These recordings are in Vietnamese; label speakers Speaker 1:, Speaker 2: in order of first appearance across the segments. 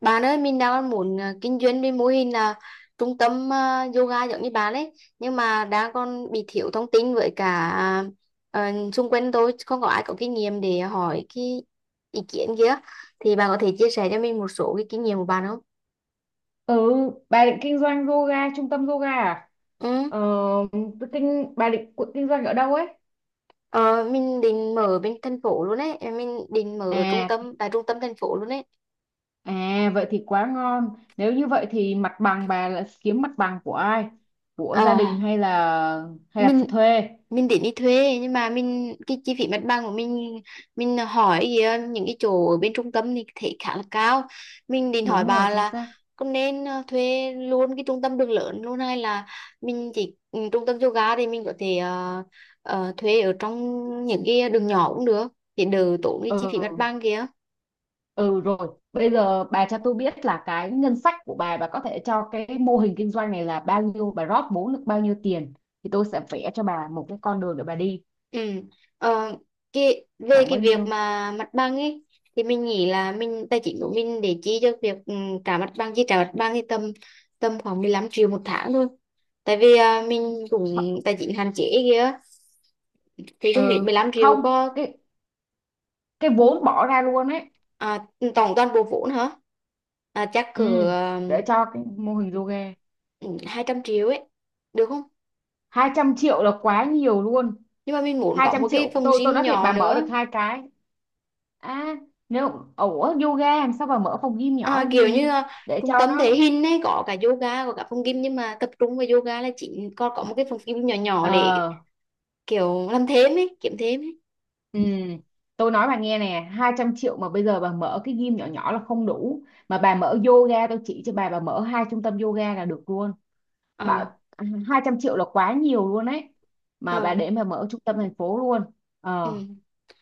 Speaker 1: Bạn ơi, mình đang muốn kinh doanh với mô hình là trung tâm yoga giống như bạn ấy, nhưng mà đang còn bị thiếu thông tin với cả xung quanh tôi không có ai có kinh nghiệm để hỏi cái ý kiến kia. Thì bạn có thể chia sẻ cho mình một số cái kinh nghiệm của bạn không?
Speaker 2: Ừ, bà định kinh doanh yoga, trung tâm yoga à?
Speaker 1: Ừ.
Speaker 2: Ờ, bà định kinh doanh ở đâu ấy?
Speaker 1: Ờ, mình định mở bên thành phố luôn ấy, mình định mở ở trung
Speaker 2: À,
Speaker 1: tâm tại trung tâm thành phố luôn ấy.
Speaker 2: à, vậy thì quá ngon. Nếu như vậy thì mặt bằng bà là kiếm mặt bằng của ai? Của gia đình
Speaker 1: À,
Speaker 2: hay là
Speaker 1: mình
Speaker 2: thuê?
Speaker 1: mình đến đi thuê nhưng mà mình cái chi phí mặt bằng của mình hỏi kìa, những cái chỗ ở bên trung tâm thì thấy khá là cao, mình định hỏi
Speaker 2: Đúng rồi,
Speaker 1: bà
Speaker 2: chính
Speaker 1: là
Speaker 2: xác.
Speaker 1: có nên thuê luôn cái trung tâm đường lớn luôn hay là mình chỉ trung tâm yoga thì mình có thể thuê ở trong những cái đường nhỏ cũng được để đỡ tốn cái chi phí mặt
Speaker 2: Ừ,
Speaker 1: bằng kìa.
Speaker 2: ừ rồi. Bây giờ bà cho tôi biết là cái ngân sách của bà có thể cho cái mô hình kinh doanh này là bao nhiêu, bà rót vốn được bao nhiêu tiền? Thì tôi sẽ vẽ cho bà một cái con đường để bà đi.
Speaker 1: Ừ. Ờ, về
Speaker 2: Khoảng
Speaker 1: cái
Speaker 2: bao
Speaker 1: việc
Speaker 2: nhiêu?
Speaker 1: mà mặt bằng ấy thì mình nghĩ là mình tài chính của mình để chi cho việc trả mặt bằng chi trả mặt bằng thì tầm tầm khoảng 15 triệu một tháng thôi tại vì mình cũng tài chính hạn chế kia thì không biết
Speaker 2: Ừ,
Speaker 1: 15 triệu
Speaker 2: không.
Speaker 1: có.
Speaker 2: Cái vốn bỏ ra luôn ấy,
Speaker 1: À, tổng toàn bộ vốn hả? À, chắc
Speaker 2: ừ,
Speaker 1: cỡ
Speaker 2: để cho cái mô hình yoga.
Speaker 1: 200 triệu ấy được không?
Speaker 2: 200 triệu là quá nhiều luôn.
Speaker 1: Nhưng mà mình muốn
Speaker 2: hai
Speaker 1: có
Speaker 2: trăm
Speaker 1: một cái
Speaker 2: triệu
Speaker 1: phòng
Speaker 2: tôi
Speaker 1: gym
Speaker 2: nói thiệt
Speaker 1: nhỏ
Speaker 2: bà mở được
Speaker 1: nữa.
Speaker 2: hai cái. À, nếu, ủa, yoga làm sao bà mở phòng gym nhỏ
Speaker 1: À,
Speaker 2: làm
Speaker 1: kiểu như
Speaker 2: gì? Để cho
Speaker 1: trung tâm thể
Speaker 2: nó
Speaker 1: hình ấy có cả yoga có cả phòng gym nhưng mà tập trung vào yoga là chỉ còn có một cái phòng gym nhỏ nhỏ
Speaker 2: ờ
Speaker 1: để kiểu làm thêm ấy kiếm thêm ấy.
Speaker 2: ừ, tôi nói bà nghe nè, 200 triệu mà bây giờ bà mở cái gym nhỏ nhỏ là không đủ, mà bà mở yoga tôi chỉ cho bà mở hai trung tâm yoga là được luôn. Bà,
Speaker 1: Ờ.
Speaker 2: 200 triệu là quá nhiều luôn ấy, mà bà
Speaker 1: Ờ.
Speaker 2: để mà mở trung tâm thành phố luôn. Ờ,
Speaker 1: Ừ.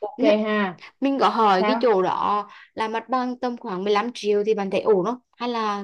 Speaker 2: ok
Speaker 1: N-
Speaker 2: ha,
Speaker 1: mình có hỏi cái
Speaker 2: sao?
Speaker 1: chỗ đó là mặt bằng tầm khoảng 15 triệu thì bạn thấy ổn không hay là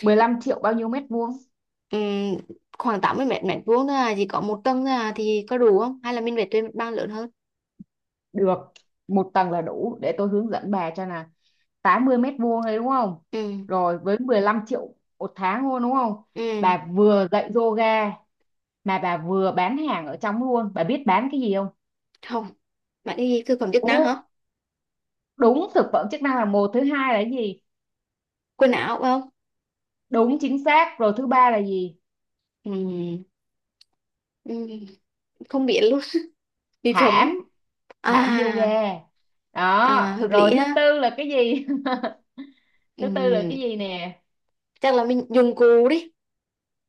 Speaker 2: 15 triệu bao nhiêu mét vuông?
Speaker 1: ừm, khoảng 80 mét mét vuông thôi à, chỉ có một tầng thôi à, thì có đủ không hay là mình phải thuê mặt bằng lớn hơn.
Speaker 2: Được, một tầng là đủ để tôi hướng dẫn bà cho nè. 80 m² đấy đúng không?
Speaker 1: Ừ.
Speaker 2: Rồi với 15 triệu một tháng luôn đúng không?
Speaker 1: Ừ.
Speaker 2: Bà vừa dạy yoga mà bà vừa bán hàng ở trong luôn. Bà biết bán cái gì không?
Speaker 1: Không, bạn đi thực phẩm chức năng
Speaker 2: Ồ,
Speaker 1: hả?
Speaker 2: đúng, thực phẩm chức năng là một, thứ hai là cái gì?
Speaker 1: Quần áo phải không?
Speaker 2: Đúng chính xác, rồi thứ ba là gì?
Speaker 1: Ừ. Ừ. Không biết luôn. Bị khấm.
Speaker 2: Thảm, thảm yoga.
Speaker 1: À. À,
Speaker 2: Đó,
Speaker 1: hợp
Speaker 2: rồi
Speaker 1: lý
Speaker 2: thứ
Speaker 1: ha.
Speaker 2: tư là cái gì? Thứ tư là
Speaker 1: Ừm,
Speaker 2: cái gì nè?
Speaker 1: chắc là mình dùng cụ đi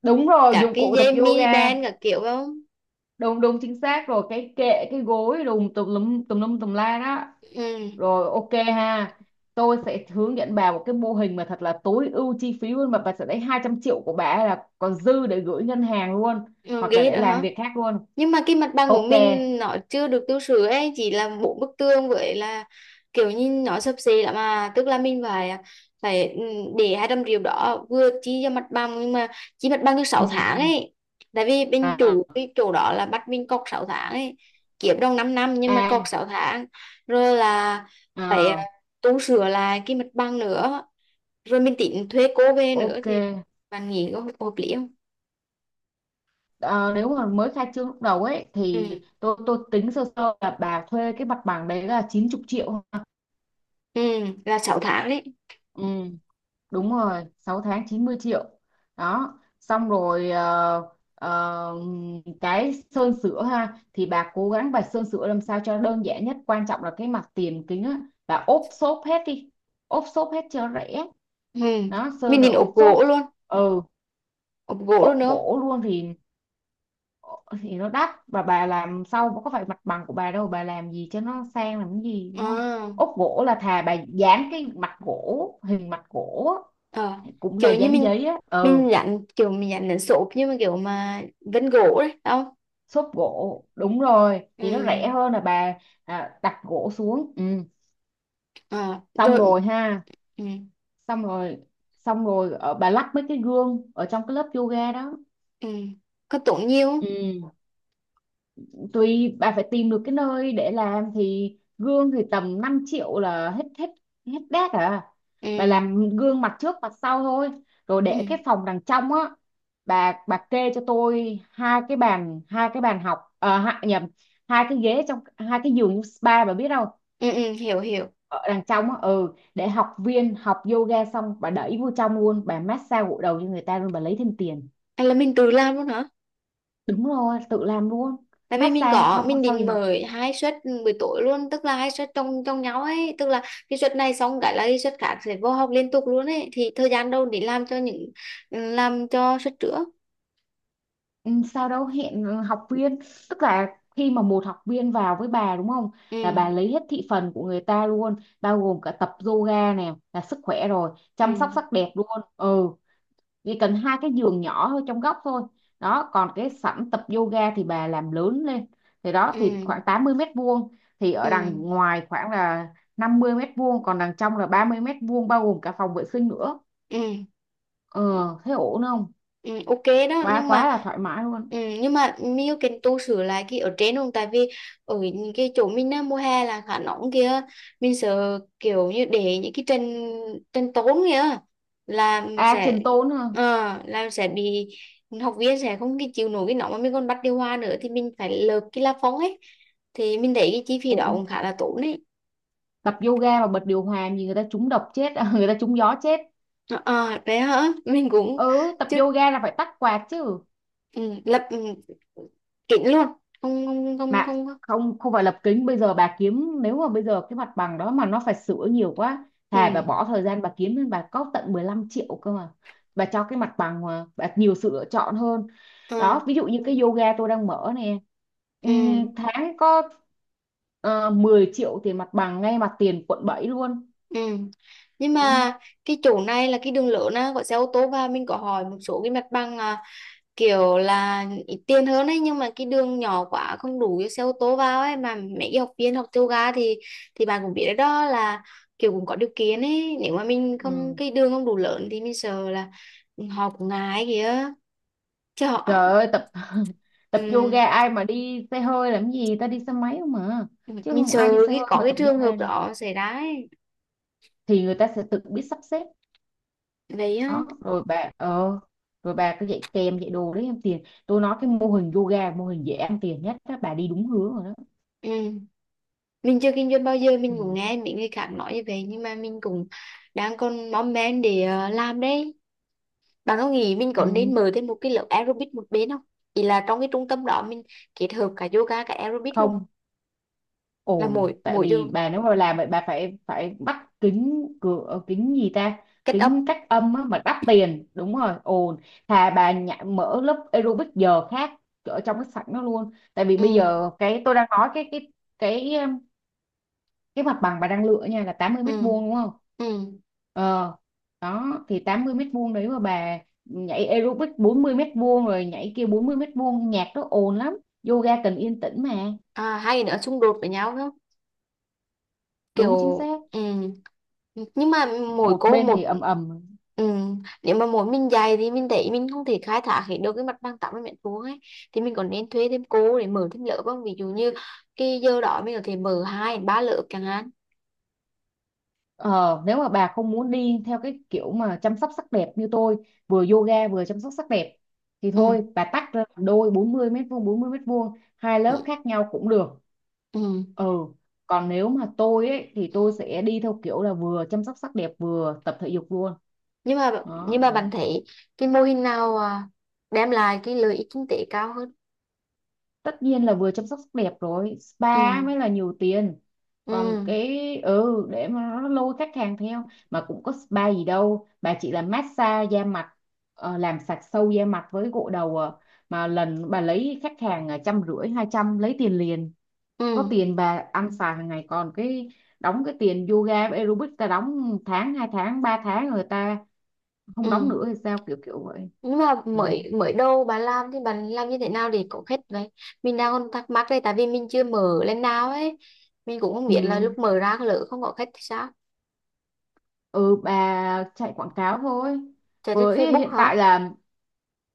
Speaker 2: Đúng rồi,
Speaker 1: cả
Speaker 2: dụng
Speaker 1: cái
Speaker 2: cụ tập
Speaker 1: dây mini
Speaker 2: yoga,
Speaker 1: band cả kiểu phải không?
Speaker 2: đúng đúng chính xác rồi, cái kệ, cái gối đùm tùm lum tùm lum tùm la đó. Rồi ok ha, tôi sẽ hướng dẫn bà một cái mô hình mà thật là tối ưu chi phí luôn, mà bà sẽ lấy 200 triệu của bà ấy là còn dư để gửi ngân hàng luôn,
Speaker 1: Ừ,
Speaker 2: hoặc là
Speaker 1: ghi
Speaker 2: để
Speaker 1: đó
Speaker 2: làm
Speaker 1: hả?
Speaker 2: việc khác luôn.
Speaker 1: Nhưng mà cái mặt bằng của
Speaker 2: Ok,
Speaker 1: mình nó chưa được tu sửa ấy, chỉ là bốn bức tường với là kiểu như nó xấp xệ lắm mà tức là mình phải phải để 200 triệu đó vừa chi cho mặt bằng nhưng mà chi mặt bằng được
Speaker 2: ừ,
Speaker 1: 6 tháng ấy, tại vì bên
Speaker 2: à,
Speaker 1: chủ cái chỗ đó là bắt mình cọc 6 tháng ấy, kiếm trong 5 năm nhưng mà cọc
Speaker 2: à,
Speaker 1: 6 tháng rồi là phải
Speaker 2: à,
Speaker 1: tu sửa lại cái mặt bằng nữa, rồi mình tính thuê cô về nữa
Speaker 2: ok.
Speaker 1: thì bạn nghĩ có hợp hợp lý không?
Speaker 2: Ờ, nếu mà mới khai trương lúc đầu ấy thì
Speaker 1: Ừ.
Speaker 2: tôi tính sơ sơ là bà thuê cái mặt bằng đấy là 90 triệu.
Speaker 1: Ừ, là 6 tháng đấy.
Speaker 2: Ừ, đúng rồi, 6 tháng 90 triệu đó. Xong rồi ờ, cái sơn sửa ha, thì bà cố gắng bà sơn sửa làm sao cho đơn giản nhất, quan trọng là cái mặt tiền kính á, bà ốp xốp hết đi, ốp xốp hết cho rẻ.
Speaker 1: Ừ.
Speaker 2: Đó,
Speaker 1: Mình
Speaker 2: sơn rồi
Speaker 1: định
Speaker 2: ốp
Speaker 1: ốp gỗ
Speaker 2: xốp.
Speaker 1: luôn,
Speaker 2: Ừ,
Speaker 1: ốp gỗ luôn đúng
Speaker 2: ốp
Speaker 1: không?
Speaker 2: gỗ luôn thì nó đắt, và bà làm sau có phải mặt bằng của bà đâu, bà làm gì cho nó sang làm cái gì, đúng không?
Speaker 1: À,
Speaker 2: Ốp gỗ là thà bà dán cái mặt gỗ, hình mặt gỗ
Speaker 1: ờ.
Speaker 2: á, cũng là
Speaker 1: Kiểu như
Speaker 2: dán giấy á.
Speaker 1: mình
Speaker 2: Ừ,
Speaker 1: dán kiểu mình dán đến số nhưng mà kiểu mà vân gỗ đấy đúng không?
Speaker 2: xốp gỗ đúng rồi, thì nó
Speaker 1: Ừ.
Speaker 2: rẻ hơn là bà đặt gỗ xuống. Ừ,
Speaker 1: Ờ,
Speaker 2: xong
Speaker 1: rồi.
Speaker 2: rồi ha,
Speaker 1: Ừ.
Speaker 2: xong rồi. Xong rồi bà lắp mấy cái gương ở trong cái lớp yoga đó.
Speaker 1: Ừ. Có tốn nhiều không?
Speaker 2: Ừ, tùy bà phải tìm được cái nơi để làm, thì gương thì tầm 5 triệu là hết hết hết đét à. Bà
Speaker 1: Ừ.
Speaker 2: làm gương mặt trước mặt sau thôi, rồi
Speaker 1: Ừ.
Speaker 2: để cái phòng đằng trong á. Bà kê cho tôi hai cái bàn, hai cái bàn học, à, nhầm, hai cái ghế, trong hai cái giường spa, bà biết không?
Speaker 1: Ừ. Ừ, hiểu hiểu.
Speaker 2: Ở đằng trong á, ừ, để học viên học yoga xong bà đẩy vô trong luôn, bà massage gội đầu cho người ta luôn, bà lấy thêm tiền.
Speaker 1: À, là mình tự làm luôn hả?
Speaker 2: Đúng rồi, tự làm luôn.
Speaker 1: Tại vì mình
Speaker 2: Massage
Speaker 1: có
Speaker 2: sau
Speaker 1: mình
Speaker 2: sau gì
Speaker 1: định
Speaker 2: học,
Speaker 1: mở 2 suất buổi tối luôn tức là 2 suất trong trong nhau ấy tức là cái suất này xong cái là cái suất khác sẽ vô học liên tục luôn ấy thì thời gian đâu để làm cho những làm cho suất trước.
Speaker 2: ừ, sau đó hẹn học viên. Tức là khi mà một học viên vào với bà đúng không,
Speaker 1: Ừ.
Speaker 2: là bà lấy hết thị phần của người ta luôn, bao gồm cả tập yoga nè, là sức khỏe rồi
Speaker 1: Ừ.
Speaker 2: chăm sóc sắc đẹp luôn. Ừ, chỉ cần hai cái giường nhỏ thôi, trong góc thôi. Đó, còn cái sảnh tập yoga thì bà làm lớn lên, thì đó thì khoảng
Speaker 1: Ừ.
Speaker 2: 80 m² thì
Speaker 1: Ừ.
Speaker 2: ở đằng ngoài khoảng là 50 m², còn đằng trong là 30 m² bao gồm cả phòng vệ sinh nữa.
Speaker 1: Ừ.
Speaker 2: Ờ, thế ổn không?
Speaker 1: Ừ, ok. Đó
Speaker 2: Quá
Speaker 1: nhưng
Speaker 2: quá
Speaker 1: mà
Speaker 2: là thoải mái luôn.
Speaker 1: nhưng mà Miu cần tu sửa lại cái ở trên không tại vì ở những cái chỗ mình á, mùa hè là khá nóng kia, mình sợ kiểu như để những cái tranh tranh tốn kia là
Speaker 2: À,
Speaker 1: sẽ
Speaker 2: trình tốn hả,
Speaker 1: ờ, là sẽ bị học viên sẽ không cái chịu nổi cái nóng mà mình còn bắt điều hòa nữa thì mình phải lợp cái la phong ấy thì mình thấy cái chi phí đó
Speaker 2: ổn.
Speaker 1: cũng khá là tốn đấy.
Speaker 2: Tập yoga mà bật điều hòa gì, người ta trúng độc chết người ta trúng gió chết.
Speaker 1: Ờ, à, đấy hả, mình cũng
Speaker 2: Ừ, tập
Speaker 1: chưa.
Speaker 2: yoga là phải tắt quạt chứ.
Speaker 1: Ừ, lập kín luôn. Không, không, không,
Speaker 2: Mà
Speaker 1: không, không.
Speaker 2: không không phải lập kính, bây giờ bà kiếm, nếu mà bây giờ cái mặt bằng đó mà nó phải sửa nhiều quá
Speaker 1: Ừ.
Speaker 2: thà bà bỏ thời gian bà kiếm lên, bà có tận 15 triệu cơ mà, bà cho cái mặt bằng mà bà nhiều sự lựa chọn hơn.
Speaker 1: ờ,
Speaker 2: Đó, ví dụ như cái yoga tôi đang mở nè,
Speaker 1: ừ.
Speaker 2: tháng có 10 triệu tiền mặt bằng ngay mặt tiền quận 7 luôn.
Speaker 1: Ừ. Nhưng
Speaker 2: Ừ.
Speaker 1: mà cái chỗ này là cái đường lớn á, có xe ô tô, và mình có hỏi một số cái mặt bằng kiểu là ít tiền hơn ấy nhưng mà cái đường nhỏ quá, không đủ cho xe ô tô vào ấy, mà mấy cái học viên học yoga thì bạn cũng biết đấy đó là kiểu cũng có điều kiện ấy, nếu mà mình không
Speaker 2: Ừ.
Speaker 1: cái đường không đủ lớn thì mình sợ là họ cũng ngại kìa chứ họ.
Speaker 2: Trời ơi tập tập
Speaker 1: Ừ,
Speaker 2: yoga ai mà đi xe hơi làm gì ta, đi xe máy không mà. Chứ
Speaker 1: mình
Speaker 2: không ai đi
Speaker 1: sợ
Speaker 2: xe
Speaker 1: cái
Speaker 2: hơi
Speaker 1: có
Speaker 2: mà
Speaker 1: cái
Speaker 2: tập
Speaker 1: trường hợp
Speaker 2: yoga đâu,
Speaker 1: đó xảy ra ấy.
Speaker 2: thì người ta sẽ tự biết sắp xếp.
Speaker 1: Vậy á.
Speaker 2: Đó rồi bà rồi bà cứ dạy kèm dạy đồ đấy em tiền, tôi nói cái mô hình yoga mô hình dễ ăn tiền nhất đó, bà đi đúng hướng rồi đó.
Speaker 1: Ừ. Mình chưa kinh doanh bao giờ
Speaker 2: Ừ.
Speaker 1: mình cũng nghe mấy người khác nói như vậy nhưng mà mình cũng đang còn mong men để làm đấy. Bạn có nghĩ mình có
Speaker 2: Ừ.
Speaker 1: nên mở thêm một cái lớp aerobic một bên không? Ý là trong cái trung tâm đó mình kết hợp cả yoga cả aerobic luôn.
Speaker 2: Không
Speaker 1: Là
Speaker 2: ổn,
Speaker 1: mỗi
Speaker 2: tại
Speaker 1: mỗi vô
Speaker 2: vì bà nếu mà làm vậy bà phải phải bắt kính cửa, kính gì ta,
Speaker 1: kết âm.
Speaker 2: kính cách âm á, mà đắt tiền, đúng rồi, ồn. Thà bà mở lớp aerobic giờ khác ở trong cái sảnh nó luôn, tại vì bây
Speaker 1: Ừ.
Speaker 2: giờ cái tôi đang nói cái cái cái mặt bằng bà đang lựa nha là 80
Speaker 1: Ừ.
Speaker 2: mét vuông đúng không?
Speaker 1: Ừ.
Speaker 2: Ờ, đó thì 80 m² đấy mà bà nhảy aerobic 40 m², rồi nhảy kia 40 m², nhạc nó ồn lắm, yoga cần yên tĩnh mà.
Speaker 1: À, hai cái nữa xung đột với nhau,
Speaker 2: Đúng chính
Speaker 1: kiểu
Speaker 2: xác.
Speaker 1: ừ. Nhưng mà mỗi
Speaker 2: Một
Speaker 1: cô
Speaker 2: bên thì
Speaker 1: một.
Speaker 2: ầm ầm.
Speaker 1: Ừ. Nếu mà mỗi mình dạy thì mình thấy mình không thể khai thác hết được cái mặt bằng 80 mét vuông ấy thì mình còn nên thuê thêm cô để mở thêm lớp không, ví dụ như cái giờ đó mình có thể mở 2 đến 3 lớp chẳng hạn.
Speaker 2: Ờ, nếu mà bà không muốn đi theo cái kiểu mà chăm sóc sắc đẹp như tôi, vừa yoga vừa chăm sóc sắc đẹp, thì
Speaker 1: Ừ.
Speaker 2: thôi bà tách ra làm đôi, 40 m² 40 m², hai
Speaker 1: Ừ.
Speaker 2: lớp khác nhau cũng được.
Speaker 1: Ừ.
Speaker 2: Ừ, còn nếu mà tôi ấy thì tôi sẽ đi theo kiểu là vừa chăm sóc sắc đẹp vừa tập thể dục luôn.
Speaker 1: nhưng mà nhưng
Speaker 2: Đó
Speaker 1: mà
Speaker 2: là,
Speaker 1: bạn thấy cái mô hình nào đem lại cái lợi ích kinh tế cao hơn?
Speaker 2: tất nhiên là vừa chăm sóc sắc đẹp rồi spa
Speaker 1: Ừ.
Speaker 2: mới là nhiều tiền. Còn
Speaker 1: Ừ.
Speaker 2: cái ừ, để mà nó lôi khách hàng theo, mà cũng có spa gì đâu, bà chỉ là massage da mặt, làm sạch sâu da mặt với gội đầu à. Mà lần bà lấy khách hàng trăm rưỡi 200 lấy tiền liền, có
Speaker 1: Ừ.
Speaker 2: tiền bà ăn xài hàng ngày. Còn cái đóng cái tiền yoga với aerobic ta đóng một tháng hai tháng ba tháng, người ta không đóng
Speaker 1: Ừ.
Speaker 2: nữa thì sao, kiểu kiểu vậy.
Speaker 1: Nhưng mà
Speaker 2: Ừ.
Speaker 1: mới mới đầu bà làm thì bà làm như thế nào để có khách đấy, mình đang còn thắc mắc đây tại vì mình chưa mở lên nào ấy, mình cũng không biết là
Speaker 2: Ừ.
Speaker 1: lúc mở ra lỡ không có khách thì sao.
Speaker 2: Ừ, bà chạy quảng cáo thôi.
Speaker 1: Chạy trên
Speaker 2: Với
Speaker 1: Facebook
Speaker 2: hiện
Speaker 1: hả?
Speaker 2: tại là,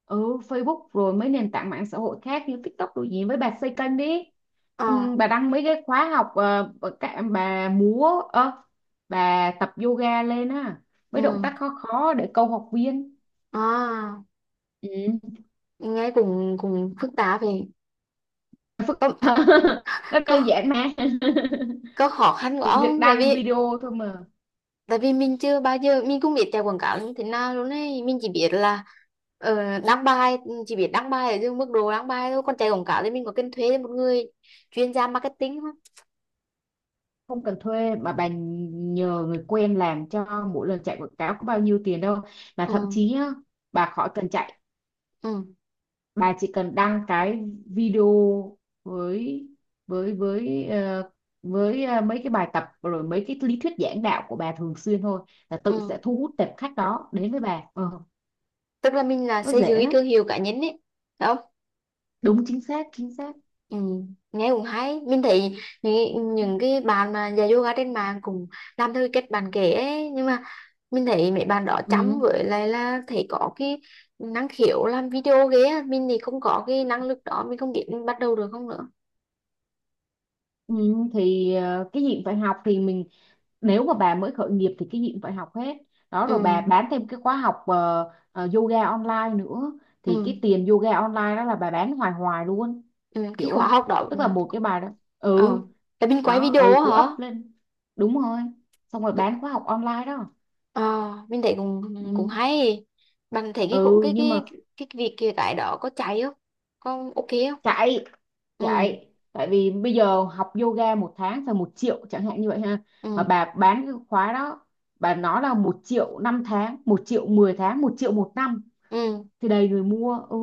Speaker 2: ừ, Facebook rồi mấy nền tảng mạng xã hội khác như TikTok đồ gì, với bà xây kênh đi.
Speaker 1: Ờ.
Speaker 2: Ừ, bà đăng mấy cái khóa học, bà múa bà tập yoga lên á, mấy động
Speaker 1: Ừ.
Speaker 2: tác khó khó để câu học viên.
Speaker 1: À,
Speaker 2: Ừ.
Speaker 1: nghe cũng cũng phức tạp vậy, có
Speaker 2: Nó
Speaker 1: có
Speaker 2: đơn giản mà.
Speaker 1: có khó khăn của
Speaker 2: Chỉ việc
Speaker 1: ông
Speaker 2: đăng video thôi mà.
Speaker 1: tại vì mình chưa bao giờ mình cũng biết chạy quảng cáo như thế nào luôn ấy, mình chỉ biết là đăng bài, chỉ biết đăng bài ở dưới mức độ đăng bài thôi, còn chạy quảng cáo thì mình có cần thuê một người chuyên gia marketing không?
Speaker 2: Không cần thuê, mà bà nhờ người quen làm cho, mỗi lần chạy quảng cáo có bao nhiêu tiền đâu. Mà thậm
Speaker 1: Ừ.
Speaker 2: chí nhá, bà khỏi cần chạy,
Speaker 1: Ừ.
Speaker 2: bà chỉ cần đăng cái video với với với ờ, với mấy cái bài tập rồi mấy cái lý thuyết giảng đạo của bà thường xuyên thôi, là tự sẽ
Speaker 1: Ừ,
Speaker 2: thu hút tệp khách đó đến với bà. Ờ,
Speaker 1: tức là mình là
Speaker 2: nó
Speaker 1: xây dựng
Speaker 2: dễ
Speaker 1: cái
Speaker 2: lắm.
Speaker 1: thương hiệu cá nhân ấy phải không?
Speaker 2: Đúng chính xác chính xác.
Speaker 1: Ừ, nghe cũng hay mình thấy những cái bạn mà dạy yoga trên mạng cũng làm theo cái cách bạn kể ấy nhưng mà mình thấy mấy bạn đó chăm
Speaker 2: Ừ.
Speaker 1: với lại là thấy có cái năng khiếu làm video ghê á, mình thì không có cái năng lực đó, mình không biết mình bắt đầu được không nữa.
Speaker 2: Ừ, thì ờ, cái gì cũng phải học thì mình, nếu mà bà mới khởi nghiệp thì cái gì cũng phải học hết. Đó,
Speaker 1: Ừ.
Speaker 2: rồi bà bán thêm cái khóa học yoga online nữa, thì
Speaker 1: ừ,
Speaker 2: cái tiền yoga online đó là bà bán hoài hoài luôn.
Speaker 1: ừ. Cái
Speaker 2: Hiểu
Speaker 1: khóa
Speaker 2: không?
Speaker 1: học đó. Ừ.
Speaker 2: Tức là một cái bài đó, ừ,
Speaker 1: Ờ, là mình quay
Speaker 2: đó,
Speaker 1: video
Speaker 2: ừ,
Speaker 1: á
Speaker 2: cứ
Speaker 1: hả?
Speaker 2: up lên. Đúng rồi, xong rồi bán khóa học online đó.
Speaker 1: Ờ, mình thấy cũng cũng
Speaker 2: Ừ,
Speaker 1: hay. Bạn thấy cái
Speaker 2: ừ
Speaker 1: cái
Speaker 2: nhưng mà,
Speaker 1: cái cái việc kia cái đó có chạy không? Có ok không?
Speaker 2: chạy,
Speaker 1: Ừ,
Speaker 2: chạy tại vì bây giờ học yoga một tháng phải 1 triệu chẳng hạn như vậy ha, mà
Speaker 1: ừ,
Speaker 2: bà bán cái khóa đó bà nói là 1 triệu 5 tháng, 1 triệu 10 tháng, 1 triệu 1 năm,
Speaker 1: ừ,
Speaker 2: thì đầy người mua. Ừ,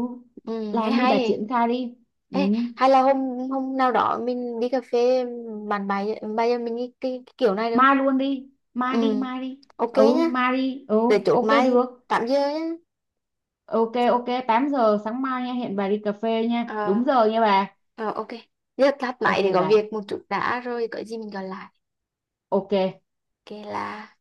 Speaker 1: ừ, nghe
Speaker 2: làm đi bà,
Speaker 1: hay.
Speaker 2: triển khai đi. Ừ.
Speaker 1: Ê, hay là hôm hôm nào đó mình đi cà phê bàn bài bây giờ mình cái kiểu này được không?
Speaker 2: Mai luôn đi, mai đi
Speaker 1: Ừ,
Speaker 2: mai đi.
Speaker 1: ok
Speaker 2: Ừ
Speaker 1: nhá.
Speaker 2: mai đi ừ.
Speaker 1: Rồi chốt
Speaker 2: Ok
Speaker 1: mai
Speaker 2: được.
Speaker 1: 8 giờ nhá.
Speaker 2: Ok ok, 8 giờ sáng mai nha, hẹn bà đi cà phê nha,
Speaker 1: Ờ,
Speaker 2: đúng giờ nha bà.
Speaker 1: ờ ok. Giờ tắt máy
Speaker 2: Ok
Speaker 1: thì có
Speaker 2: bà,
Speaker 1: việc một chút đã rồi có gì mình gọi lại.
Speaker 2: ok.
Speaker 1: Ok là